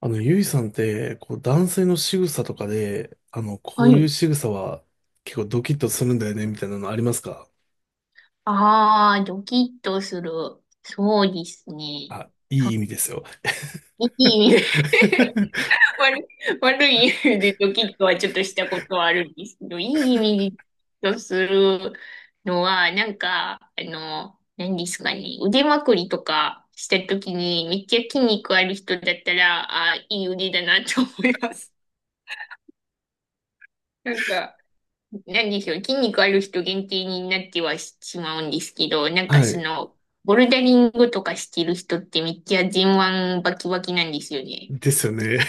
ゆいさんって、男性の仕草とかで、こはういうい。仕草は結構ドキッとするんだよね、みたいなのありますか？ああ、ドキッとする。そうですね。あ、いい意は味ですよ。い いい意味で 悪い、悪い意味でドキッとはちょっとしたことはあるんですけど、いい意味でドキッとするのは、なんか、何ですかね、腕まくりとかしたときに、めっちゃ筋肉ある人だったら、ああ、いい腕だなと思います。なんか、なんでしょう、筋肉ある人限定になってはしまうんですけど、なんかはい。ボルダリングとかしてる人ってめっちゃ前腕バキバキなんですよね。ですよね。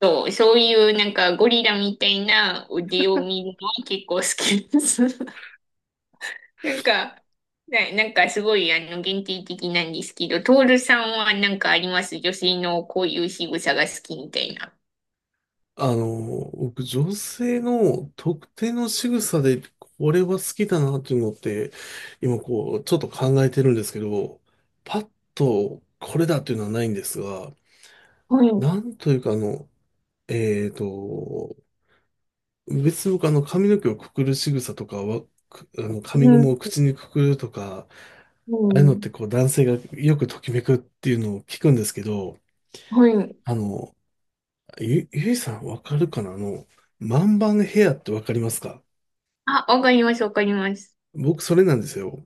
そういうなんかゴリラみたいな腕を見るのは結構好きです。なんか、なんかすごい限定的なんですけど、トールさんはなんかあります？女性のこういう仕草が好きみたいな。僕、女性の特定の仕草で、これは好きだなっていうのって、今こう、ちょっと考えてるんですけど、パッとこれだっていうのはないんですが、はい。なんというかあの、えーと、別に僕あの髪の毛をくくる仕草とかは、あの髪うゴムをん。口にくくるとか、うああいうのってん。こう男性がよくときめくっていうのを聞くんですけど、はい。あの、ゆいさんわかるかな、あの、万番ヘアってわかりますか？あ、わかります、わかります。僕それなんですよ。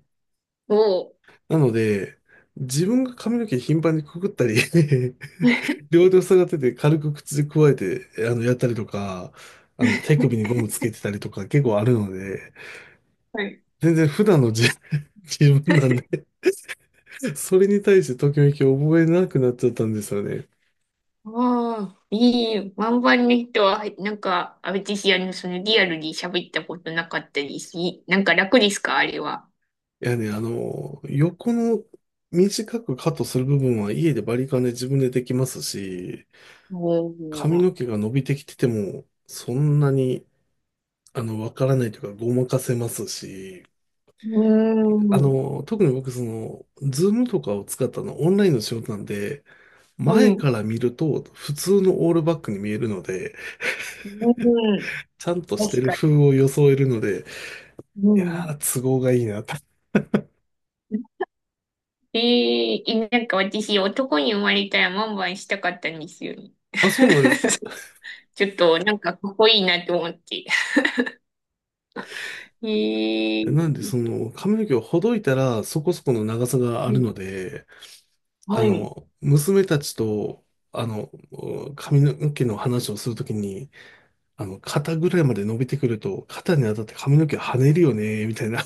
おなので、自分が髪の毛頻繁にくくったり ー。両手を下がってて軽く口でくわえてやったりとか、あの手首にゴムつけてたりとか結構あるので、はい。全然普段の自 自分なんでそれに対してときめきを覚えなくなっちゃったんですよね。ああ、いい。ワンバンの人は、なんか、あ、私、リアルに喋ったことなかったりし、いなんか楽ですかあれは？いやね、あの、横の短くカットする部分は家でバリカンで自分でできますし、お髪ー。の毛が伸びてきてても、そんなに、あの、わからないというか、ごまかせますし、うーあん。の、特に僕、その、ズームとかを使ったの、オンラインの仕事なんで、は前い。うから見ると、普通のオールバックに見えるので、ーん。ちゃんとして確るか風に。を装えるので、ういやん。ー、都合がいいなと。なんか私、男に生まれたらワンバンしたかったんですよね。あ、そうなんですか。そう、ちょっと、なんか、かっこいいなと思って。えー、なんで、その、髪の毛をほどいたら、そこそこの長さがあはるい。ので、あはい。の、娘たちと、あの、髪の毛の話をするときに、あの、肩ぐらいまで伸びてくると、肩に当たって髪の毛跳ねるよね、みたいな。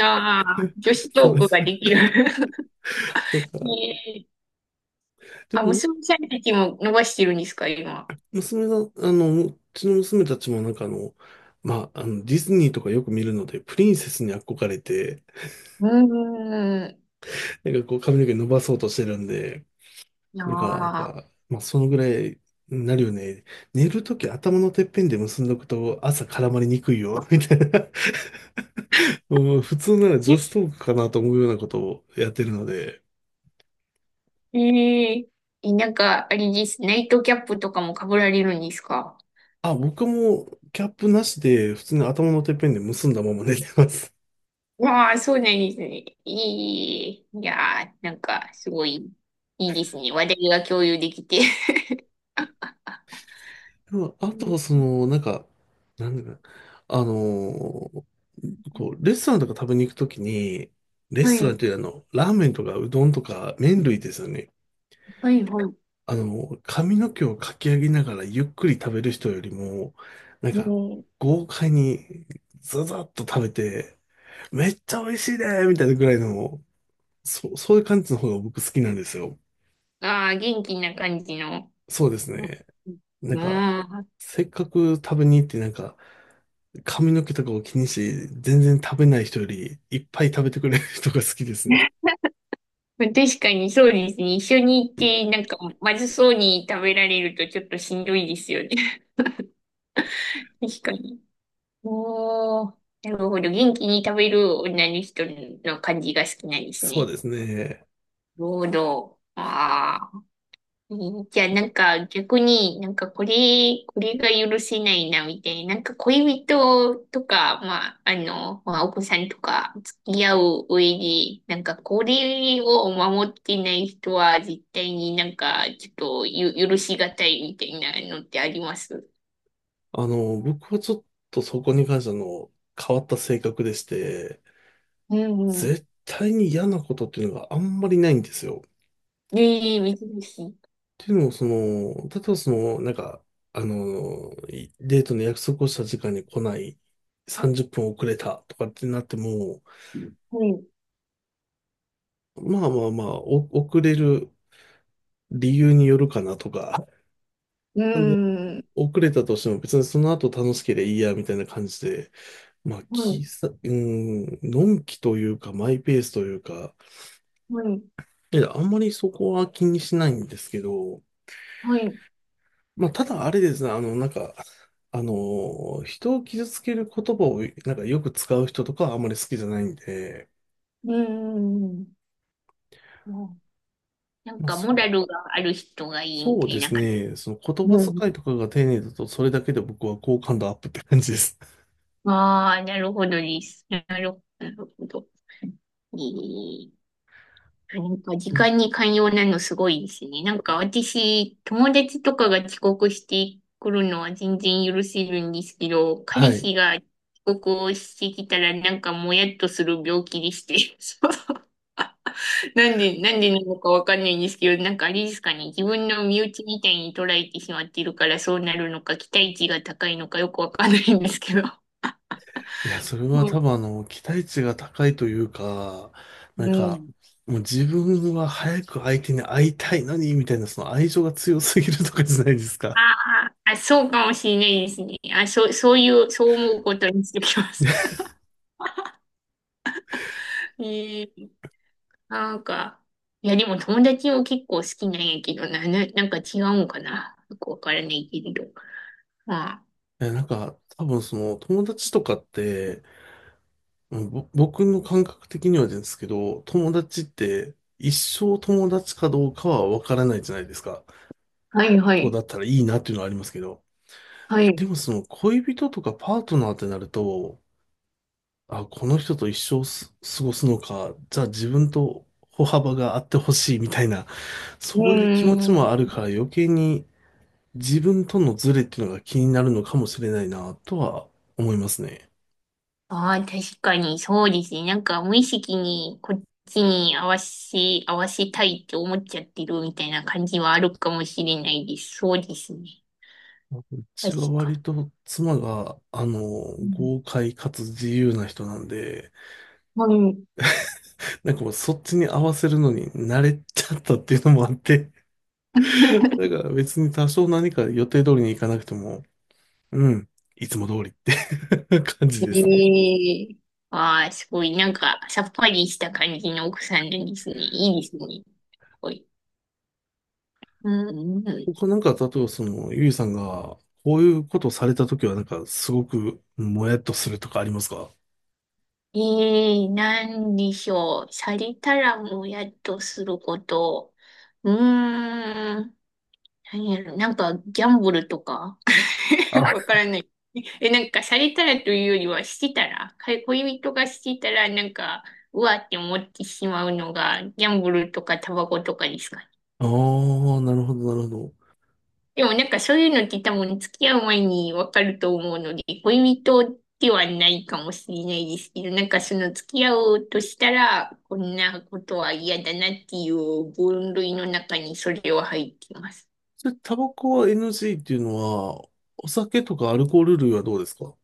あ あ、女子そトう、ークができる。とか。えーであ、も無んなんか、たちも伸ばしてるんですか、今？娘が、あの、うちの娘たちもなんかあの、まあ、あの、ディズニーとかよく見るので、プリンセスに憧れて、うーん。なんかこう髪の毛伸ばそうとしてるんで、いやだから、なんー。か、まあ、そのぐらいになるよね。寝るとき頭のてっぺんで結んどくと朝絡まりにくいよ、みたいな。もう普通なら女子トークかなと思うようなことをやってるので。え、えなんか、あれです。ナイトキャップとかも被られるんですか？あ、僕もキャップなしで普通に頭のてっぺんで結んだまま寝てます。わあ、そうなんですね。いい。いやー、なんか、すごい、いいですね。話題が共有できて。でもうあとん。はその、なんか、なんだかあのーこう、レストランとか食べに行くときに、レはストランい、というよりあの、ラーメンとかうどんとか麺類ですよね。はい、はい。あの、髪の毛をかき上げながらゆっくり食べる人よりも、なんうか、ん、豪快にザザッと食べて、めっちゃ美味しいねみたいなぐらいの、そういう感じの方が僕好きなんですよ。ああ、元気な感じの。そうですうん、ね。なんか、うん。せっかく食べに行ってなんか、髪の毛とかを気にして全然食べない人より、いっぱい食べてくれる人が好きですね。まあ確かにそうですね。一緒に行って、なんか、まずそうに食べられるとちょっとしんどいですよね。確かに。おー、なるほど。元気に食べる女の人の感じが好きなんですそうね。ですね。なるほど。ああ。じゃあなんか逆になんかこれ、が許せないなみたいな、なんか恋人とか、まあ、まあ、お子さんとか付き合う上で、なんかこれを守ってない人は絶対になんかちょっと許しがたいみたいなのってあります？あの、僕はちょっとそこに関してあの、変わった性格でして、うんうん。絶対に嫌なことっていうのがあんまりないんですよ。っねえ、珍しい。ていうのも、その、例えばその、なんか、あの、デートの約束をした時間に来ない、30分遅れたとかってなっても、はい。まあ、遅れる理由によるかなとか、うなんで、ん。遅れたとしても別にその後楽しければいいや、みたいな感じで、まあ、はい。うん、のんきというか、マイペースというか、はい。いやあんまりそこは気にしないんですけど、はい。まあ、ただあれですね、あの、なんか、人を傷つける言葉を、なんかよく使う人とかはあんまり好きじゃないんで、うん。うん。うん。なんまあ、かモラルがある人がいいみそうたでいなす感じ。ね、その言葉遣いとかが丁寧だと、それだけで僕は好感度アップって感じです。ああ、なるほどです。なるほど。えーなんか時間 に寛容なのすごいですね。なんか私、友達とかが遅刻してくるのは全然許せるんですけど、は彼い。氏が遅刻をしてきたらなんかもやっとする病気でして。そうなんで、なんでなのかわかんないんですけど、なんかあれですかね、自分の身内みたいに捉えてしまっているからそうなるのか、期待値が高いのかよくわかんないんですけど。いや、それはうん。多分あの、期待値が高いというか、なんうか、ん。もう自分は早く相手に会いたいのに、みたいな、その愛情が強すぎるとかじゃないですあか。あ、あそうかもしれないですね。あ、そう、そういう、そう思うことにしてきます。ええ、なんか、いや、でも友達も結構好きなんやけどなんか違うんかな。よくわからないけれど。まあ、いや、なんか、多分その友達とかって、うんぼ僕の感覚的にはですけど、友達って一生友達かどうかはわからないじゃないですか。はいはそうい、だったらいいなっていうのはありますけど。はい。でもその恋人とかパートナーってなると、あ、この人と一生す過ごすのか、じゃあ自分と歩幅があってほしいみたいな、うそういう気持ちーん。もあるから余計に自分とのズレっていうのが気になるのかもしれないなとは思いますね。ああ、確かにそうですね。なんか無意識にこっちに合わせたいって思っちゃってるみたいな感じはあるかもしれないです。そうですね。うち確はか割と妻が、あの、に。うん。豪快かつ自由な人なんで、はい。なんかもうそっちに合わせるのに慣れちゃったっていうのもあって、だから別に多少何か予定通りに行かなくても、うん、いつも通りって 感じですね。ええ。ああー、すごい。なんか、さっぱりした感じの奥さんなんですね。いいですね。すごい。うんうん。他なんか、例えばその、ゆいさんが、こういうことをされたときはなんか、すごくもやっとするとかありますか？ええ、なんでしょう。されたらもやっとすること。うーん。何やろ。なんか、ギャンブルとか あ、わからない。なんか、されたらというよりは、してたら、か恋人がしてたら、なんか、うわって思ってしまうのが、ギャンブルとかタバコとかですか？あーなるほど、なるほど。でもなんかそういうのって多分付き合う前にわかると思うので、恋人ではないかもしれないですけど、なんかその付き合おうとしたら、こんなことは嫌だなっていう分類の中にそれは入ってます。それ、タバコは NG っていうのは、お酒とかアルコール類はどうですか？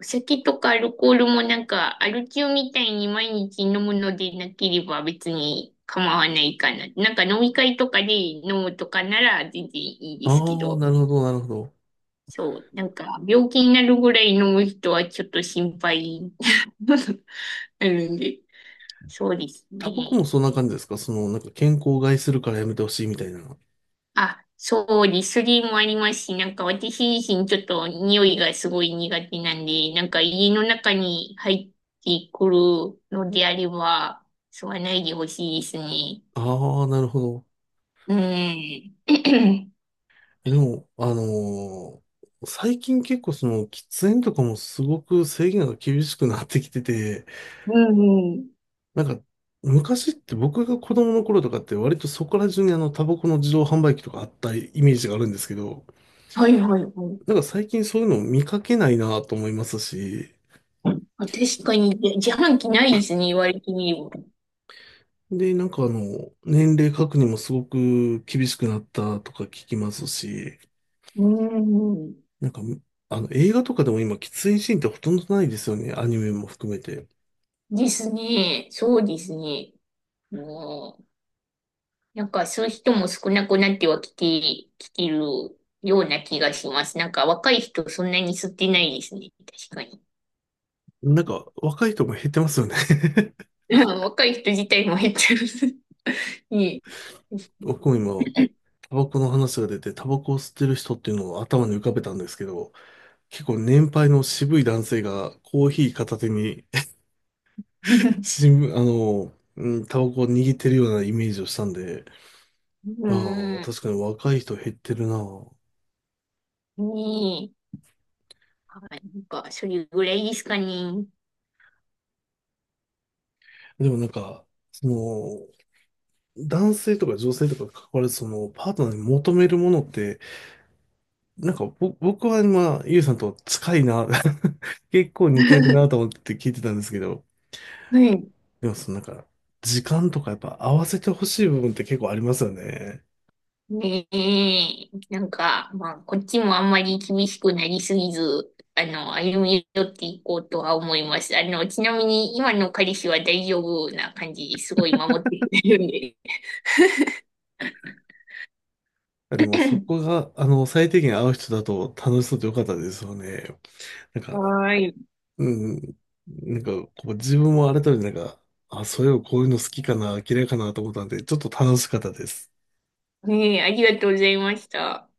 お酒とかアルコールもなんかアル中みたいに毎日飲むのでなければ別に構わないかな。なんか飲み会とかで飲むとかなら全然いいであすけあ、など。るほど、なるほど。そう、なんか病気になるぐらい飲む人はちょっと心配 なるんで、そうですタバコもね。そんな感じですか？その、なんか健康を害するからやめてほしいみたいな。あ、そう、リスリーもありますし、なんか私自身ちょっと匂いがすごい苦手なんで、なんか家の中に入ってくるのであれば、吸わないでほしいですね。ああ、なるほど。うん。でも、あのー最近結構その、喫煙とかもすごく制限が厳しくなってきてて、うんうん。なんか、昔って僕が子供の頃とかって割とそこら中にあの、タバコの自動販売機とかあったイメージがあるんですけど、はいはいはい。なんか最近そういうのを見かけないなと思いますし、あ、確かに、じゃ自販機ないですね、言われてみれば。で、なんかあの、年齢確認もすごく厳しくなったとか聞きますし、うん。なんか、あの、映画とかでも今、喫煙シーンってほとんどないですよね。アニメも含めて。ですね。そうですね。うん。なんかそういう人も少なくなってはきてるような気がします。なんか若い人そんなに吸ってないですね。確かに。なんか、若い人も減ってますよね。うん。若い人自体も減ってる ねえ。僕も今、タバコの話が出て、タバコを吸ってる人っていうのを頭に浮かべたんですけど、結構年配の渋い男性がコーヒー片手に 新聞、あの、うん、タバコを握ってるようなイメージをしたんで、うあん。あ、ね確かに若い人減ってるなぁ。え。はい。なんかそれぐらいですかね。でもなんか、その、男性とか女性とかに関わらず、その、パートナーに求めるものって、なんか、僕は今、ゆうさんと近いな、結構似てるなと 思って聞いてたんですけど、はい。でもそのなんか、時間とかやっぱ合わせてほしい部分って結構ありますよね。ねえ、なんか、まあ、こっちもあんまり厳しくなりすぎず、歩み寄っていこうとは思います。ちなみに今の彼氏は大丈夫な感じですごい守ってくれるんで。あでもそこが、あの、最低限合う人だと楽しそうでよかったですよね。なんか、はーい。うん、なんか、こう自分も改めてなんか、あ、そういえばこういうの好きかな、嫌いかなと思ったんで、ちょっと楽しかったです。ねえ、ありがとうございました。